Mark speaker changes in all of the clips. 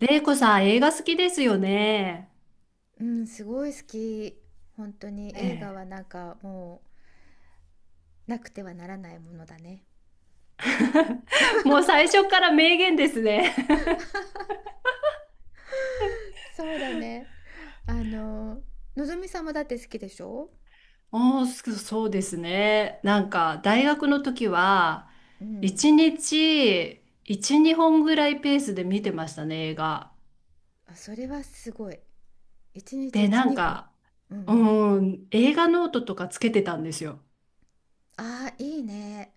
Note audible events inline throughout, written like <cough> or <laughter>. Speaker 1: 玲子さん、映画好きですよね。
Speaker 2: うん、すごい好き。本当に
Speaker 1: ね
Speaker 2: 映画はなんかもうなくてはならないものだね。
Speaker 1: え。もう最初から名言ですね。
Speaker 2: そうだね。あの、のぞみさんもだって好きでしょ。
Speaker 1: <laughs> おー、そうですね。なんか、大学の時は、
Speaker 2: うん。
Speaker 1: 一日、一、二本ぐらいペースで見てましたね、映画。
Speaker 2: あ、それはすごい。一日
Speaker 1: で、
Speaker 2: 一、
Speaker 1: なん
Speaker 2: 二本。
Speaker 1: か、
Speaker 2: うんうん。
Speaker 1: うん、映画ノートとかつけてたんですよ。
Speaker 2: ああ、いいね。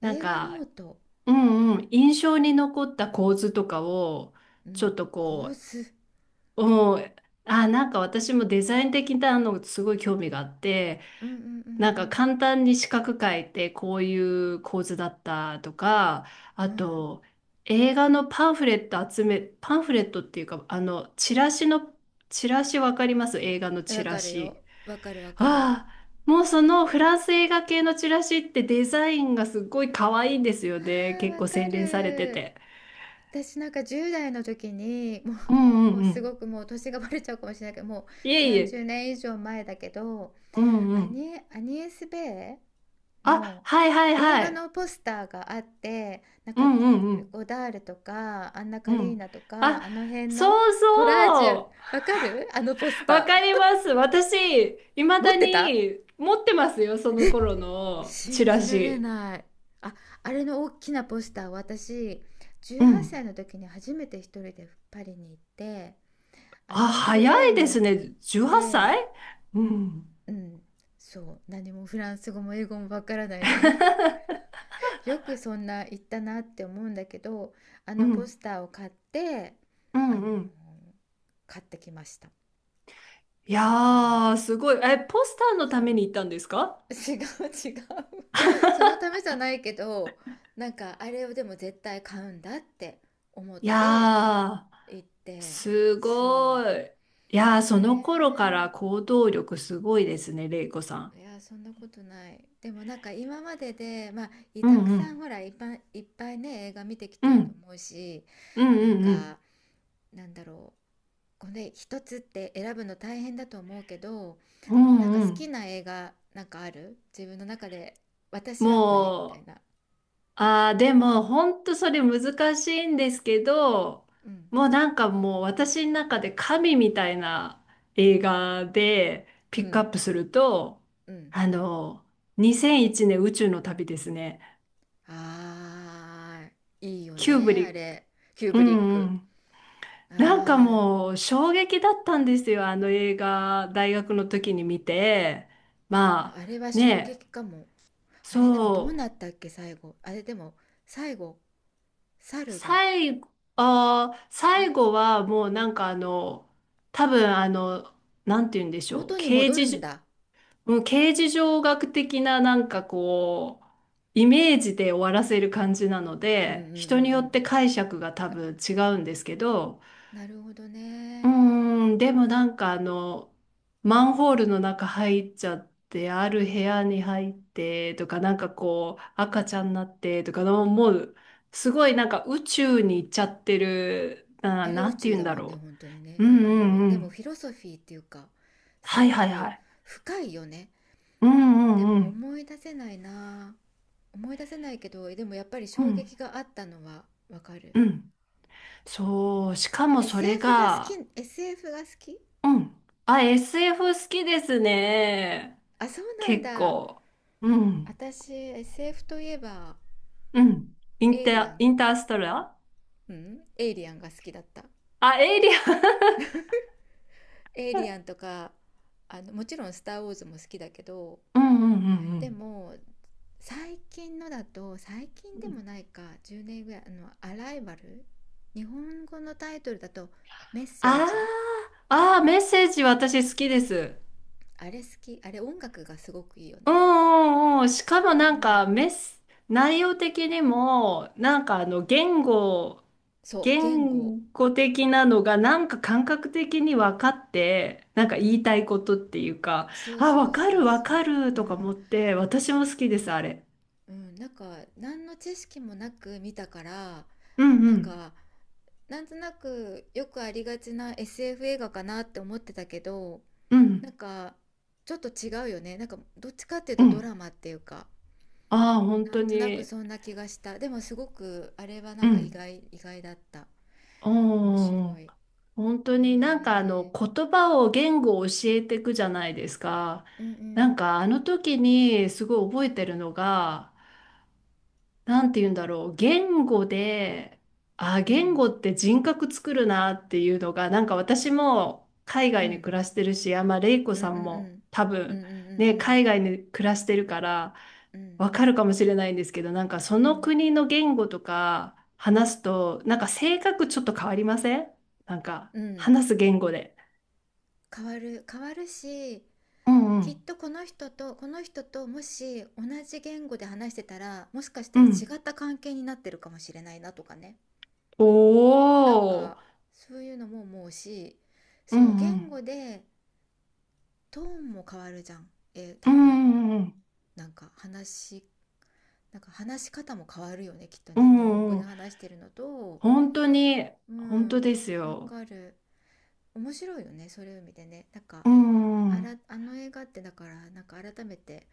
Speaker 1: なん
Speaker 2: 映画ノー
Speaker 1: か、
Speaker 2: ト。
Speaker 1: うんうん、印象に残った構図とかを、
Speaker 2: う
Speaker 1: ちょ
Speaker 2: ん。
Speaker 1: っと
Speaker 2: 構
Speaker 1: こ
Speaker 2: 図。
Speaker 1: う、うん、あ、なんか私もデザイン的なのすごい興味があって、
Speaker 2: うんうんう
Speaker 1: なんか
Speaker 2: ん
Speaker 1: 簡単に四角書いてこういう構図だったとか、
Speaker 2: う
Speaker 1: あ
Speaker 2: ん。
Speaker 1: と映画のパンフレット集め、パンフレットっていうか、チラシわかります？映画の
Speaker 2: うん。
Speaker 1: チ
Speaker 2: わ
Speaker 1: ラ
Speaker 2: かる
Speaker 1: シ。
Speaker 2: よ。わかるわかる。
Speaker 1: ああ、もうそのフランス映画系のチラシってデザインがすっごい可愛いんですよ
Speaker 2: あ
Speaker 1: ね。
Speaker 2: あ、
Speaker 1: 結
Speaker 2: わ
Speaker 1: 構
Speaker 2: か
Speaker 1: 洗練されて
Speaker 2: る。
Speaker 1: て。
Speaker 2: 私なんか10代の時にも
Speaker 1: うん
Speaker 2: う、
Speaker 1: う
Speaker 2: も
Speaker 1: ん
Speaker 2: う
Speaker 1: う
Speaker 2: すご
Speaker 1: ん。
Speaker 2: くもう年がバレちゃうかもしれないけどもう
Speaker 1: いえい
Speaker 2: 30
Speaker 1: え。
Speaker 2: 年以上前だけど、
Speaker 1: うんうん。
Speaker 2: アニエス・ベイ
Speaker 1: あ、
Speaker 2: の
Speaker 1: はいはい
Speaker 2: 映
Speaker 1: は
Speaker 2: 画
Speaker 1: い。
Speaker 2: のポスターがあって、なん
Speaker 1: う
Speaker 2: か
Speaker 1: んうんうん。
Speaker 2: ゴダールとかアンナ・
Speaker 1: う
Speaker 2: カリー
Speaker 1: ん。
Speaker 2: ナと
Speaker 1: あ、
Speaker 2: かあの辺
Speaker 1: そ
Speaker 2: の
Speaker 1: う
Speaker 2: コラージュ、
Speaker 1: そう。
Speaker 2: わかるあのポス
Speaker 1: わ
Speaker 2: タ
Speaker 1: か
Speaker 2: ー。
Speaker 1: ります。私、いま
Speaker 2: 持っ
Speaker 1: だ
Speaker 2: てた。
Speaker 1: に持ってますよ、その頃のチ
Speaker 2: 信
Speaker 1: ラ
Speaker 2: じられ
Speaker 1: シ。
Speaker 2: ない。あ、あれの大きなポスターを私
Speaker 1: う
Speaker 2: 18
Speaker 1: ん、
Speaker 2: 歳の時に初めて一人でパリに行って、ア
Speaker 1: あ、
Speaker 2: ニス
Speaker 1: 早
Speaker 2: ベー
Speaker 1: いで
Speaker 2: に
Speaker 1: す
Speaker 2: 行っ
Speaker 1: ね。18
Speaker 2: て、
Speaker 1: 歳うはっさい。うん、
Speaker 2: うん、そう、何もフランス語も英語もわからないのに、
Speaker 1: <laughs>
Speaker 2: <laughs> よくそんな言ったなって思うんだけど、あ
Speaker 1: う
Speaker 2: のポ
Speaker 1: ん、
Speaker 2: スターを買って、
Speaker 1: う
Speaker 2: あの
Speaker 1: ん、
Speaker 2: ー
Speaker 1: うん。
Speaker 2: 買ってきました。
Speaker 1: い
Speaker 2: うん、
Speaker 1: やー、すごい。え、ポスターのため
Speaker 2: そ
Speaker 1: に行ったんですか？
Speaker 2: う。 <laughs> 違う違う。 <laughs> そのためじゃないけど、なんかあれをでも絶対買うんだって思っ
Speaker 1: い
Speaker 2: て
Speaker 1: やー、
Speaker 2: 行って、
Speaker 1: すご
Speaker 2: そ
Speaker 1: い。いやー、
Speaker 2: う
Speaker 1: その頃から
Speaker 2: ね。
Speaker 1: 行動力すごいですね、れいこさん。
Speaker 2: いや、そんなことない。でもなんか今まででまあい
Speaker 1: う
Speaker 2: たく
Speaker 1: んう
Speaker 2: さん
Speaker 1: ん
Speaker 2: ほら、いっぱい、いっぱいね、映画見てき
Speaker 1: う
Speaker 2: てると
Speaker 1: ん
Speaker 2: 思うし、
Speaker 1: うん
Speaker 2: な
Speaker 1: う
Speaker 2: ん
Speaker 1: んうん
Speaker 2: か、なんだろう、これ一つって選ぶの大変だと思うけど、
Speaker 1: う
Speaker 2: なんか
Speaker 1: ん
Speaker 2: 好
Speaker 1: う
Speaker 2: き
Speaker 1: ん。
Speaker 2: な映画なんかある自分の中で、私はこれみた
Speaker 1: も
Speaker 2: い
Speaker 1: う、
Speaker 2: な。
Speaker 1: ああ、でも、本当それ難しいんですけど、
Speaker 2: うん
Speaker 1: もうなんかもう私の中で神みたいな映画で
Speaker 2: う
Speaker 1: ピックア
Speaker 2: ん
Speaker 1: ップすると、
Speaker 2: うん。
Speaker 1: あの、2001年宇宙の旅ですね。
Speaker 2: あー、いいよ
Speaker 1: キューブ
Speaker 2: ね
Speaker 1: リ
Speaker 2: あ
Speaker 1: ッ
Speaker 2: れ。キュー
Speaker 1: ク、う
Speaker 2: ブリッ
Speaker 1: んう
Speaker 2: ク。
Speaker 1: ん。
Speaker 2: あ
Speaker 1: なんか
Speaker 2: ー、
Speaker 1: もう衝撃だったんですよ。あの映画、大学の時に見て。
Speaker 2: ま
Speaker 1: ま
Speaker 2: あれ
Speaker 1: あ、
Speaker 2: は衝
Speaker 1: ね、
Speaker 2: 撃かも。あれでもどう
Speaker 1: そう。
Speaker 2: なったっけ最後。あれでも最後、猿が、
Speaker 1: 最後、
Speaker 2: あ
Speaker 1: 最
Speaker 2: れ
Speaker 1: 後はもうなんか多分なんて言うんでしょう、
Speaker 2: 元に
Speaker 1: 刑
Speaker 2: 戻
Speaker 1: 事
Speaker 2: るん
Speaker 1: じ、
Speaker 2: だ。
Speaker 1: もう刑事上学的ななんかこう、イメージで終わらせる感じなの
Speaker 2: うんうんう
Speaker 1: で、
Speaker 2: んう
Speaker 1: 人によっ
Speaker 2: ん。
Speaker 1: て解釈が多
Speaker 2: か、
Speaker 1: 分違うんですけど、
Speaker 2: なるほど
Speaker 1: う
Speaker 2: ね。
Speaker 1: ーん、でもなんかマンホールの中入っちゃって、ある部屋に入ってとか、なんかこう、赤ちゃんになってとかの、もう、すごいなんか宇宙に行っちゃってる、な、
Speaker 2: あれ
Speaker 1: な
Speaker 2: 宇
Speaker 1: んて
Speaker 2: 宙
Speaker 1: 言うん
Speaker 2: だ
Speaker 1: だ
Speaker 2: もんね、
Speaker 1: ろ
Speaker 2: 本当にね。
Speaker 1: う。う
Speaker 2: なん
Speaker 1: ん
Speaker 2: か
Speaker 1: う
Speaker 2: も
Speaker 1: ん
Speaker 2: う、
Speaker 1: う
Speaker 2: でもフ
Speaker 1: ん。
Speaker 2: ィロソフィーっていうか、す
Speaker 1: はい
Speaker 2: ご
Speaker 1: はいは
Speaker 2: く
Speaker 1: い。
Speaker 2: 深いよね。
Speaker 1: う
Speaker 2: で
Speaker 1: んうんう
Speaker 2: も
Speaker 1: ん。
Speaker 2: 思い出せないな。思い出せないけど、でもやっぱり
Speaker 1: う
Speaker 2: 衝
Speaker 1: ん
Speaker 2: 撃があったのはわかる。
Speaker 1: うん。そう、しか
Speaker 2: あ、
Speaker 1: もそれ
Speaker 2: SF が好き、
Speaker 1: が、
Speaker 2: SF が好き。
Speaker 1: うん。あ、SF 好きですね。
Speaker 2: あ、そうなん
Speaker 1: 結
Speaker 2: だ。
Speaker 1: 構。うん。
Speaker 2: 私 SF といえば
Speaker 1: うん。
Speaker 2: エイリアン、
Speaker 1: インターストラ、
Speaker 2: うん、エイリアンが好きだった。
Speaker 1: あ、エイリアン。
Speaker 2: エイリアンとか、あのもちろん「スター・ウォーズ」も好きだけど、
Speaker 1: うんうんう
Speaker 2: で
Speaker 1: ん
Speaker 2: も最近のだと、最
Speaker 1: う
Speaker 2: 近で
Speaker 1: ん。
Speaker 2: もないか、10年ぐらい、あの「アライバル」、日本語のタイトルだと「メッセー
Speaker 1: あ
Speaker 2: ジ」。
Speaker 1: あ、メッセージ私好きです。
Speaker 2: あれ好き、あれ音楽がすごくいいよ
Speaker 1: うん
Speaker 2: ね。
Speaker 1: うんうん。しかも
Speaker 2: う
Speaker 1: なん
Speaker 2: ん、
Speaker 1: か内容的にも、なんか
Speaker 2: そう、言語。
Speaker 1: 言語的なのがなんか感覚的に分かって、なんか言いたいことっていうか、
Speaker 2: そう
Speaker 1: あ、
Speaker 2: そ
Speaker 1: 分
Speaker 2: う
Speaker 1: か
Speaker 2: そう
Speaker 1: る分
Speaker 2: そ
Speaker 1: か
Speaker 2: う。
Speaker 1: る
Speaker 2: う
Speaker 1: とか
Speaker 2: ん
Speaker 1: 思って、私も好きです、あれ。
Speaker 2: うん、なんか何の知識もなく見たから、
Speaker 1: うんう
Speaker 2: なん
Speaker 1: ん。
Speaker 2: か、なんとなくよくありがちな SF 映画かなって思ってたけど、
Speaker 1: う
Speaker 2: なん
Speaker 1: ん
Speaker 2: かちょっと違うよね、なんかどっちかっていう
Speaker 1: う
Speaker 2: とドラ
Speaker 1: ん。
Speaker 2: マっていうか、
Speaker 1: ああ、本
Speaker 2: な
Speaker 1: 当
Speaker 2: んとなく
Speaker 1: に。
Speaker 2: そんな気がした。でもすごくあれはな
Speaker 1: う
Speaker 2: んか意
Speaker 1: ん。
Speaker 2: 外意外だった。面
Speaker 1: おー。
Speaker 2: 白い。へ
Speaker 1: 本当になんか
Speaker 2: え
Speaker 1: 言語を教えていくじゃないですか。
Speaker 2: ー。うんう
Speaker 1: なん
Speaker 2: ん
Speaker 1: かあの時にすごい覚えてるのがなんて言うんだろう、言語で、あ、
Speaker 2: う
Speaker 1: 言
Speaker 2: ん
Speaker 1: 語って人格作るなっていうのが、なんか私も海
Speaker 2: う
Speaker 1: 外に
Speaker 2: ん
Speaker 1: 暮らしてるし、あ、まあ、レイコ
Speaker 2: うんう
Speaker 1: さ
Speaker 2: んう
Speaker 1: んも
Speaker 2: ん
Speaker 1: 多
Speaker 2: う
Speaker 1: 分、
Speaker 2: ん
Speaker 1: ね、
Speaker 2: うん
Speaker 1: 海外に暮らしてるから、
Speaker 2: うんうん
Speaker 1: わかるかもしれないんですけど、なんかそ
Speaker 2: う
Speaker 1: の
Speaker 2: ん
Speaker 1: 国の言語とか話すと、なんか性格ちょっと変わりません？なんか
Speaker 2: うん。
Speaker 1: 話す言語で。
Speaker 2: 変わる変わるし、
Speaker 1: うんう
Speaker 2: きっ
Speaker 1: ん。
Speaker 2: とこの人とこの人と、もし同じ言語で話してたらもしかした
Speaker 1: う
Speaker 2: ら
Speaker 1: ん。
Speaker 2: 違った関係になってるかもしれないなとかね、なん
Speaker 1: お
Speaker 2: か
Speaker 1: ー。
Speaker 2: そういうのも思うし、
Speaker 1: う
Speaker 2: そう、
Speaker 1: んう
Speaker 2: 言語
Speaker 1: ん。
Speaker 2: でトーンも変わるじゃん、えー
Speaker 1: う
Speaker 2: 多分。
Speaker 1: んうんうん。
Speaker 2: なんか話しなんか話し方も変わるよね、きっと
Speaker 1: う
Speaker 2: ね、日本語
Speaker 1: んう
Speaker 2: で
Speaker 1: ん。
Speaker 2: 話してるのと。
Speaker 1: 本当に、
Speaker 2: う
Speaker 1: 本当
Speaker 2: ん、
Speaker 1: です
Speaker 2: わ
Speaker 1: よ。
Speaker 2: かる。面白いよねそういう意味でね。なんか、
Speaker 1: うんう
Speaker 2: あ
Speaker 1: ん。
Speaker 2: ら、あの映画ってだからなんか改めて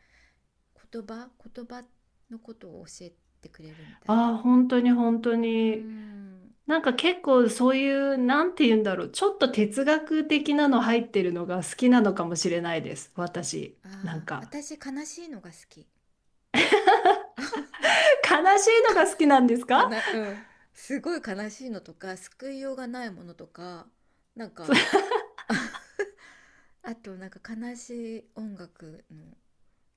Speaker 2: 言葉言葉のことを教えてくれるみたいな。
Speaker 1: ああ、本当に本当
Speaker 2: うー
Speaker 1: に。
Speaker 2: ん。
Speaker 1: なんか結構そういう、なんて言うんだろう。ちょっと哲学的なの入ってるのが好きなのかもしれないです。私。なん
Speaker 2: ああ、
Speaker 1: か。
Speaker 2: 私悲しいのが好き
Speaker 1: <laughs> 悲しいのが好きなんです
Speaker 2: か
Speaker 1: か？
Speaker 2: な。うん、すごい悲しいのとか救いようがないものとか、なんか、
Speaker 1: そ
Speaker 2: あと、なんか悲しい音楽の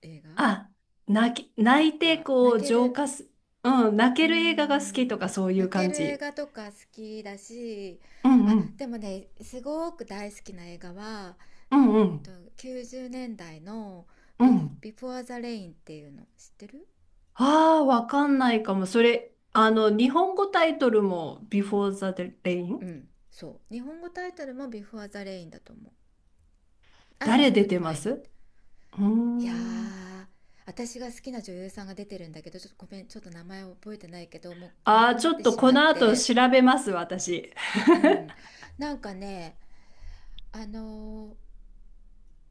Speaker 2: 映画
Speaker 1: あ、
Speaker 2: と
Speaker 1: 泣いて
Speaker 2: か
Speaker 1: こ
Speaker 2: 泣
Speaker 1: う
Speaker 2: け
Speaker 1: 浄
Speaker 2: る。
Speaker 1: 化す。うん、泣
Speaker 2: うー
Speaker 1: ける映画が好きとか
Speaker 2: ん、
Speaker 1: そういう
Speaker 2: 泣け
Speaker 1: 感
Speaker 2: る映
Speaker 1: じ？
Speaker 2: 画とか好きだし、
Speaker 1: うん
Speaker 2: あ
Speaker 1: うん。
Speaker 2: でもね、すごく大好きな映画は、
Speaker 1: うんう
Speaker 2: と、
Speaker 1: ん。
Speaker 2: 90年代の、
Speaker 1: う
Speaker 2: ビ
Speaker 1: ん。
Speaker 2: 「Before the Rain」っていうの知ってる。
Speaker 1: ああ、わかんないかも。それ、あの、日本語タイトルも Before the Rain？
Speaker 2: うん、そう、日本語タイトルも「Before the Rain」だと思う。雨
Speaker 1: 誰
Speaker 2: の
Speaker 1: 出
Speaker 2: 降る
Speaker 1: てま
Speaker 2: 前
Speaker 1: す？
Speaker 2: にっ
Speaker 1: う
Speaker 2: て。
Speaker 1: ー
Speaker 2: いや
Speaker 1: ん。
Speaker 2: ー、私が好きな女優さんが出てるんだけど、ちょっとごめん、ちょっと名前を覚えてないけど、もう亡
Speaker 1: ああ、
Speaker 2: くな
Speaker 1: ち
Speaker 2: っ
Speaker 1: ょっ
Speaker 2: て
Speaker 1: と
Speaker 2: し
Speaker 1: こ
Speaker 2: まっ
Speaker 1: の後
Speaker 2: て、
Speaker 1: 調べます、私。
Speaker 2: うん。なんかね、あのー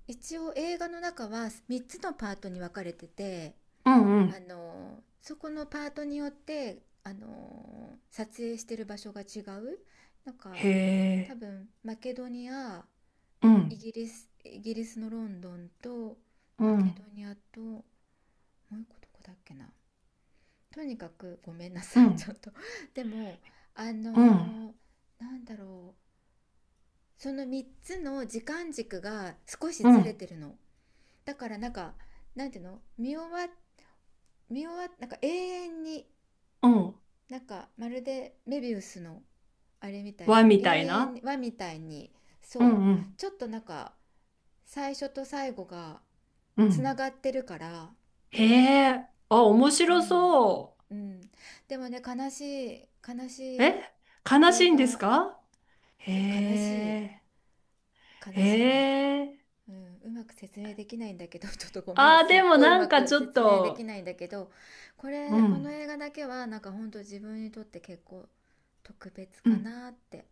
Speaker 2: 一応映画の中は3つのパートに分かれてて、
Speaker 1: うんう
Speaker 2: あ
Speaker 1: ん。
Speaker 2: のそこのパートによってあの撮影してる場所が違う。なん
Speaker 1: へ
Speaker 2: か多
Speaker 1: え。
Speaker 2: 分マケドニア、
Speaker 1: う
Speaker 2: イ
Speaker 1: ん。
Speaker 2: ギリスイギリスのロンドンと
Speaker 1: う
Speaker 2: マケド
Speaker 1: ん。
Speaker 2: ニアと、もう一個どこだっけな。とにかくごめんな
Speaker 1: う
Speaker 2: さい、ちょ
Speaker 1: ん。
Speaker 2: っと <laughs> でも、あ
Speaker 1: うん。
Speaker 2: の、なんだろう、その3つの時間軸が少し
Speaker 1: う
Speaker 2: ずれ
Speaker 1: ん。
Speaker 2: てるの。だからなんか、なんていうの、見終わ、なんか永遠に、
Speaker 1: うん。
Speaker 2: なんかまるでメビウスのあれみたい
Speaker 1: 和
Speaker 2: に
Speaker 1: み
Speaker 2: 永
Speaker 1: たい
Speaker 2: 遠
Speaker 1: な。
Speaker 2: はみたいに、
Speaker 1: う
Speaker 2: そ
Speaker 1: ん
Speaker 2: う、
Speaker 1: うん。
Speaker 2: ちょっとなんか最初と最後が
Speaker 1: う
Speaker 2: つ
Speaker 1: ん。
Speaker 2: ながってるから。
Speaker 1: へえ。あ、面
Speaker 2: う
Speaker 1: 白
Speaker 2: ん
Speaker 1: そ
Speaker 2: うん。でもね、悲しい悲
Speaker 1: う。
Speaker 2: し
Speaker 1: え、
Speaker 2: い
Speaker 1: 悲し
Speaker 2: 映
Speaker 1: いんです
Speaker 2: 画。
Speaker 1: か？へ
Speaker 2: 悲しい、
Speaker 1: え。へ
Speaker 2: 悲しいね、
Speaker 1: え。
Speaker 2: うん、うまく説明できないんだけど、 <laughs> ちょっとごめん、
Speaker 1: ああ、
Speaker 2: すっ
Speaker 1: でも
Speaker 2: ごいう
Speaker 1: なん
Speaker 2: ま
Speaker 1: か
Speaker 2: く
Speaker 1: ちょっ
Speaker 2: 説明でき
Speaker 1: と、
Speaker 2: ないんだけど、こ
Speaker 1: う
Speaker 2: れ、この
Speaker 1: ん。
Speaker 2: 映画だけはなんかほんと自分にとって結構特別
Speaker 1: う
Speaker 2: か
Speaker 1: ん。
Speaker 2: なって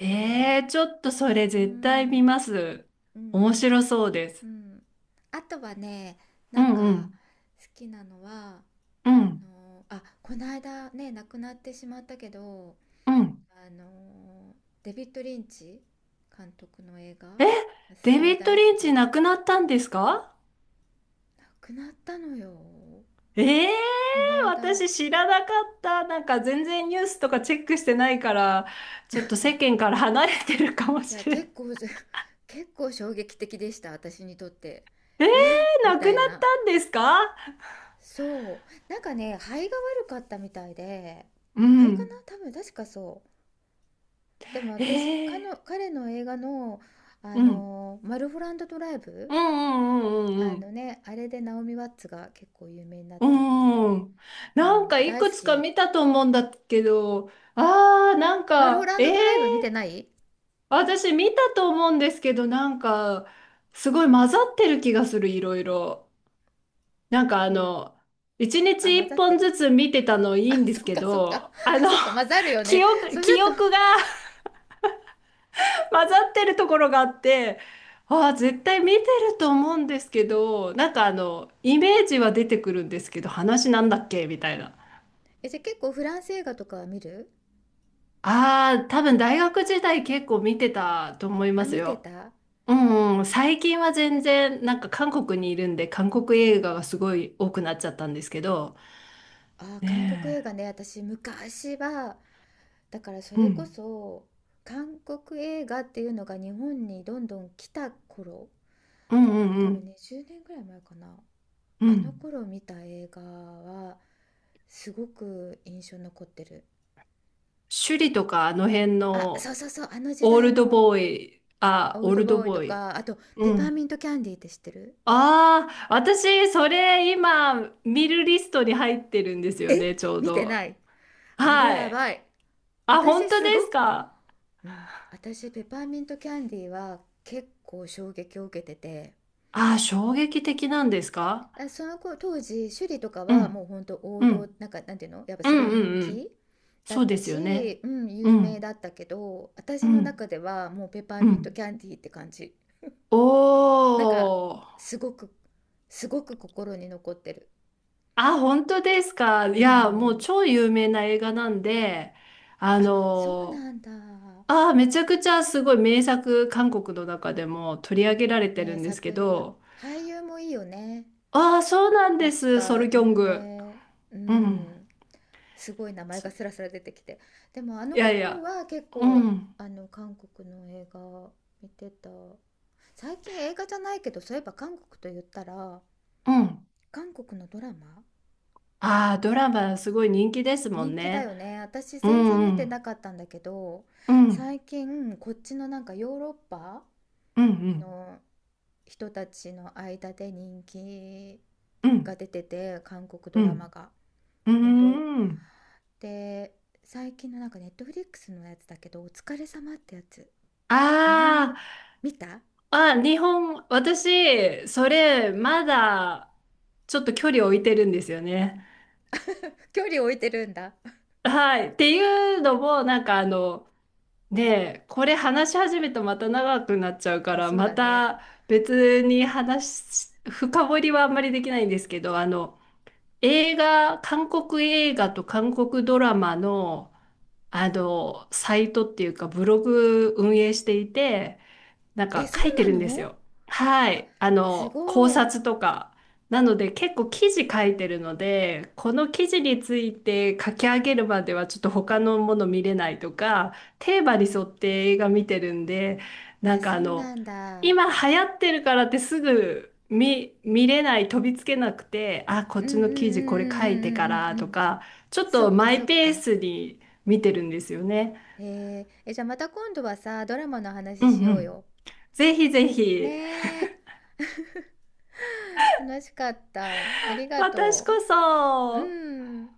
Speaker 2: 思う。
Speaker 1: え、ちょっとそれ
Speaker 2: う
Speaker 1: 絶対見
Speaker 2: ん、
Speaker 1: ます。
Speaker 2: うん、
Speaker 1: 面白そうで
Speaker 2: う
Speaker 1: す。
Speaker 2: ん。あとはね、
Speaker 1: う
Speaker 2: なん
Speaker 1: んう
Speaker 2: か
Speaker 1: ん。
Speaker 2: 好きなのは、
Speaker 1: う
Speaker 2: あ
Speaker 1: ん。
Speaker 2: の、あ、この間ね、亡くなってしまったけど、
Speaker 1: うん。
Speaker 2: あの、デビッド・リンチ監督の映画
Speaker 1: え、
Speaker 2: がす
Speaker 1: デ
Speaker 2: ご
Speaker 1: ビ
Speaker 2: い
Speaker 1: ッド・
Speaker 2: 大好
Speaker 1: リンチ
Speaker 2: き。
Speaker 1: 亡くなったんですか？
Speaker 2: 亡くなったのよ。
Speaker 1: ええ。
Speaker 2: この間。
Speaker 1: 私知らなかった。なんか全然ニュースとかチェックしてないから、ちょっと世間から離れてるかも
Speaker 2: いや、
Speaker 1: しれな
Speaker 2: 結
Speaker 1: い。
Speaker 2: 構、<laughs> 結構衝撃的でした、私にとって。
Speaker 1: ええ。
Speaker 2: えみ
Speaker 1: 亡く
Speaker 2: た
Speaker 1: なっ
Speaker 2: いな。
Speaker 1: たんですか？
Speaker 2: そう。なんかね、肺が悪かったみたいで、
Speaker 1: う
Speaker 2: 肺か
Speaker 1: ん。
Speaker 2: な多分、確かそう。でも私、
Speaker 1: ええ。
Speaker 2: 彼の映画の、あ
Speaker 1: うん。
Speaker 2: の、マルフォランドドライブ、
Speaker 1: うんうんうん
Speaker 2: あ
Speaker 1: う
Speaker 2: の
Speaker 1: ん。
Speaker 2: ね、あれでナオミ・ワッツが結構有名になっ
Speaker 1: う
Speaker 2: たってい
Speaker 1: ー
Speaker 2: う、
Speaker 1: ん。
Speaker 2: う
Speaker 1: なん
Speaker 2: ん、
Speaker 1: かい
Speaker 2: 大
Speaker 1: く
Speaker 2: 好
Speaker 1: つか
Speaker 2: き。
Speaker 1: 見たと思うんだけど、
Speaker 2: マルフォランドドライブ見てない。
Speaker 1: 私見たと思うんですけど、なんか、すごい混ざってる気がする、いろいろ。なんか
Speaker 2: そう。
Speaker 1: 一日
Speaker 2: あ、混ざ
Speaker 1: 一
Speaker 2: って
Speaker 1: 本
Speaker 2: る。
Speaker 1: ずつ見てたのい
Speaker 2: あ、
Speaker 1: いんです
Speaker 2: そっ
Speaker 1: け
Speaker 2: かそっか。
Speaker 1: ど、
Speaker 2: あ、そっか、混
Speaker 1: <laughs>
Speaker 2: ざるよね、それ
Speaker 1: 記
Speaker 2: だと。
Speaker 1: 憶が <laughs> 混ざってるところがあって、絶対見てると思うんですけど、なんかイメージは出てくるんですけど、話なんだっけみたいな。
Speaker 2: え、じゃあ結構フランス映画とかは見る。
Speaker 1: ああ、多分大学時代結構見てたと思いま
Speaker 2: あ、
Speaker 1: す
Speaker 2: 見て
Speaker 1: よ。
Speaker 2: た。
Speaker 1: うんうん、最近は全然なんか韓国にいるんで韓国映画がすごい多くなっちゃったんですけど、
Speaker 2: あ、韓国
Speaker 1: ね
Speaker 2: 映画ね、私昔は、だからそ
Speaker 1: え、う
Speaker 2: れこ
Speaker 1: ん、
Speaker 2: そ、韓国映画っていうのが日本にどんどん来た頃、
Speaker 1: うん
Speaker 2: だ
Speaker 1: う
Speaker 2: から
Speaker 1: ん
Speaker 2: 多
Speaker 1: う
Speaker 2: 分
Speaker 1: ん
Speaker 2: ね10年ぐらい前かな、
Speaker 1: う
Speaker 2: あの
Speaker 1: ん。
Speaker 2: 頃見た映画はすごく印象に残ってる。
Speaker 1: 首里とかあの辺
Speaker 2: あ、そう
Speaker 1: の
Speaker 2: そうそう、あの時
Speaker 1: オー
Speaker 2: 代
Speaker 1: ルド
Speaker 2: の
Speaker 1: ボーイ、あ、
Speaker 2: 「オー
Speaker 1: オ
Speaker 2: ル
Speaker 1: ー
Speaker 2: ド
Speaker 1: ルド
Speaker 2: ボーイ」
Speaker 1: ボ
Speaker 2: と
Speaker 1: ーイ。
Speaker 2: かあと「ペ
Speaker 1: う
Speaker 2: パーミ
Speaker 1: ん。
Speaker 2: ントキャンディー」って知ってる。
Speaker 1: ああ、私それ今見るリストに入ってるんですよね、
Speaker 2: え、
Speaker 1: ちょう
Speaker 2: 見て
Speaker 1: ど。
Speaker 2: ない。あれ
Speaker 1: は
Speaker 2: や
Speaker 1: い。
Speaker 2: ばい。
Speaker 1: あ、本
Speaker 2: 私
Speaker 1: 当で
Speaker 2: すご
Speaker 1: す
Speaker 2: く、
Speaker 1: か。
Speaker 2: うん、私ペパーミントキャンディーは結構衝撃を受けてて、
Speaker 1: ああ、衝撃的なんですか？
Speaker 2: あ、その子、当時趣里とか
Speaker 1: う
Speaker 2: はもう
Speaker 1: ん、
Speaker 2: 本当王
Speaker 1: う
Speaker 2: 道、
Speaker 1: ん、
Speaker 2: なんかなんていうのやっぱ
Speaker 1: う
Speaker 2: すご
Speaker 1: ん、
Speaker 2: い
Speaker 1: う
Speaker 2: 人
Speaker 1: ん、う
Speaker 2: 気
Speaker 1: ん。
Speaker 2: だっ
Speaker 1: そうで
Speaker 2: た
Speaker 1: すよね。
Speaker 2: し、うん、
Speaker 1: う
Speaker 2: 有名だ
Speaker 1: ん、
Speaker 2: ったけど、
Speaker 1: う
Speaker 2: 私の
Speaker 1: ん、
Speaker 2: 中ではもうペパー
Speaker 1: う
Speaker 2: ミントキ
Speaker 1: ん。
Speaker 2: ャンディーって感じ。
Speaker 1: お
Speaker 2: なんか
Speaker 1: ー。
Speaker 2: すごく、すごく心に残ってる。
Speaker 1: あ、本当ですか。い
Speaker 2: う
Speaker 1: や、もう
Speaker 2: ん、
Speaker 1: 超有名な映画なんで、あ
Speaker 2: あ、そう
Speaker 1: の
Speaker 2: なんだ。
Speaker 1: めちゃくちゃすごい名作、韓国の中でも取り上げられてる
Speaker 2: 名
Speaker 1: んで
Speaker 2: 作、
Speaker 1: すけど、
Speaker 2: 俳優もいいよね、
Speaker 1: ああ、そうなんで
Speaker 2: 確
Speaker 1: す、ソ
Speaker 2: か
Speaker 1: ルギョン
Speaker 2: 有
Speaker 1: グ。
Speaker 2: 名。う
Speaker 1: うん。
Speaker 2: ん、すごい名前が
Speaker 1: そ
Speaker 2: スラスラ出てきて、でもあ
Speaker 1: い
Speaker 2: の
Speaker 1: やい
Speaker 2: 頃
Speaker 1: や、
Speaker 2: は結
Speaker 1: う
Speaker 2: 構
Speaker 1: ん、
Speaker 2: あの韓国の映画見てた。最近映画じゃないけど、そういえば韓国と言ったら
Speaker 1: うん。
Speaker 2: 韓国のドラマ。
Speaker 1: ああ、ドラマすごい人気ですもん
Speaker 2: 人気だ
Speaker 1: ね。
Speaker 2: よね、私
Speaker 1: う
Speaker 2: 全然
Speaker 1: ん、う
Speaker 2: 見て
Speaker 1: ん、
Speaker 2: なかったんだけど、
Speaker 1: うん、
Speaker 2: 最近こっちのなんかヨーロッパ
Speaker 1: うん、うん、
Speaker 2: の人たちの間で人気
Speaker 1: う
Speaker 2: が
Speaker 1: ん。
Speaker 2: 出てて、韓国
Speaker 1: う
Speaker 2: ドラマ
Speaker 1: ん。
Speaker 2: が
Speaker 1: うー
Speaker 2: 本当
Speaker 1: ん。
Speaker 2: で、最近のなんかネットフリックスのやつだけど「お疲れ様」ってやつ、日本語、
Speaker 1: あ
Speaker 2: 見た。
Speaker 1: あ、あ、日本、私、それ、まだ、ちょっと距離を置いてるんですよね。
Speaker 2: <laughs> 距離置いてるんだ。
Speaker 1: はい。っていうのも、なんかねえ、これ話し始めたまた長くなっちゃうか
Speaker 2: あ、
Speaker 1: ら、
Speaker 2: そう
Speaker 1: ま
Speaker 2: だね。
Speaker 1: た別に深掘りはあんまりできないんですけど、映画、韓国映画と韓国ドラマの、あの、サイトっていうか、ブログ運営していて、なん
Speaker 2: え、
Speaker 1: か
Speaker 2: そう
Speaker 1: 書いて
Speaker 2: な
Speaker 1: るんです
Speaker 2: の。
Speaker 1: よ。はい。あ
Speaker 2: す
Speaker 1: の、考
Speaker 2: ごい。
Speaker 1: 察とか。なので結構記事書いてるので、この記事について書き上げるまではちょっと他のもの見れないとか、テーマに沿って映画見てるんで、な
Speaker 2: あ、
Speaker 1: んか
Speaker 2: そうなんだ。
Speaker 1: 今流行ってるからってすぐ見れない、飛びつけなくて、あ、こっ
Speaker 2: うんうん
Speaker 1: ち
Speaker 2: うんうん
Speaker 1: の
Speaker 2: うんうんうん
Speaker 1: 記事これ書いてから
Speaker 2: う
Speaker 1: と
Speaker 2: ん。
Speaker 1: か、ちょっ
Speaker 2: そ
Speaker 1: と
Speaker 2: っか
Speaker 1: マ
Speaker 2: そ
Speaker 1: イ
Speaker 2: っ
Speaker 1: ペー
Speaker 2: か。
Speaker 1: スに見てるんですよね。
Speaker 2: へえ。え、じゃあまた今度はさ、ドラマの
Speaker 1: う
Speaker 2: 話
Speaker 1: ん
Speaker 2: し
Speaker 1: う
Speaker 2: よう
Speaker 1: ん。
Speaker 2: よ。
Speaker 1: ぜひぜひ。
Speaker 2: ねえ。楽しかった。ありが
Speaker 1: 私
Speaker 2: と
Speaker 1: こ
Speaker 2: う。
Speaker 1: そ、
Speaker 2: うん。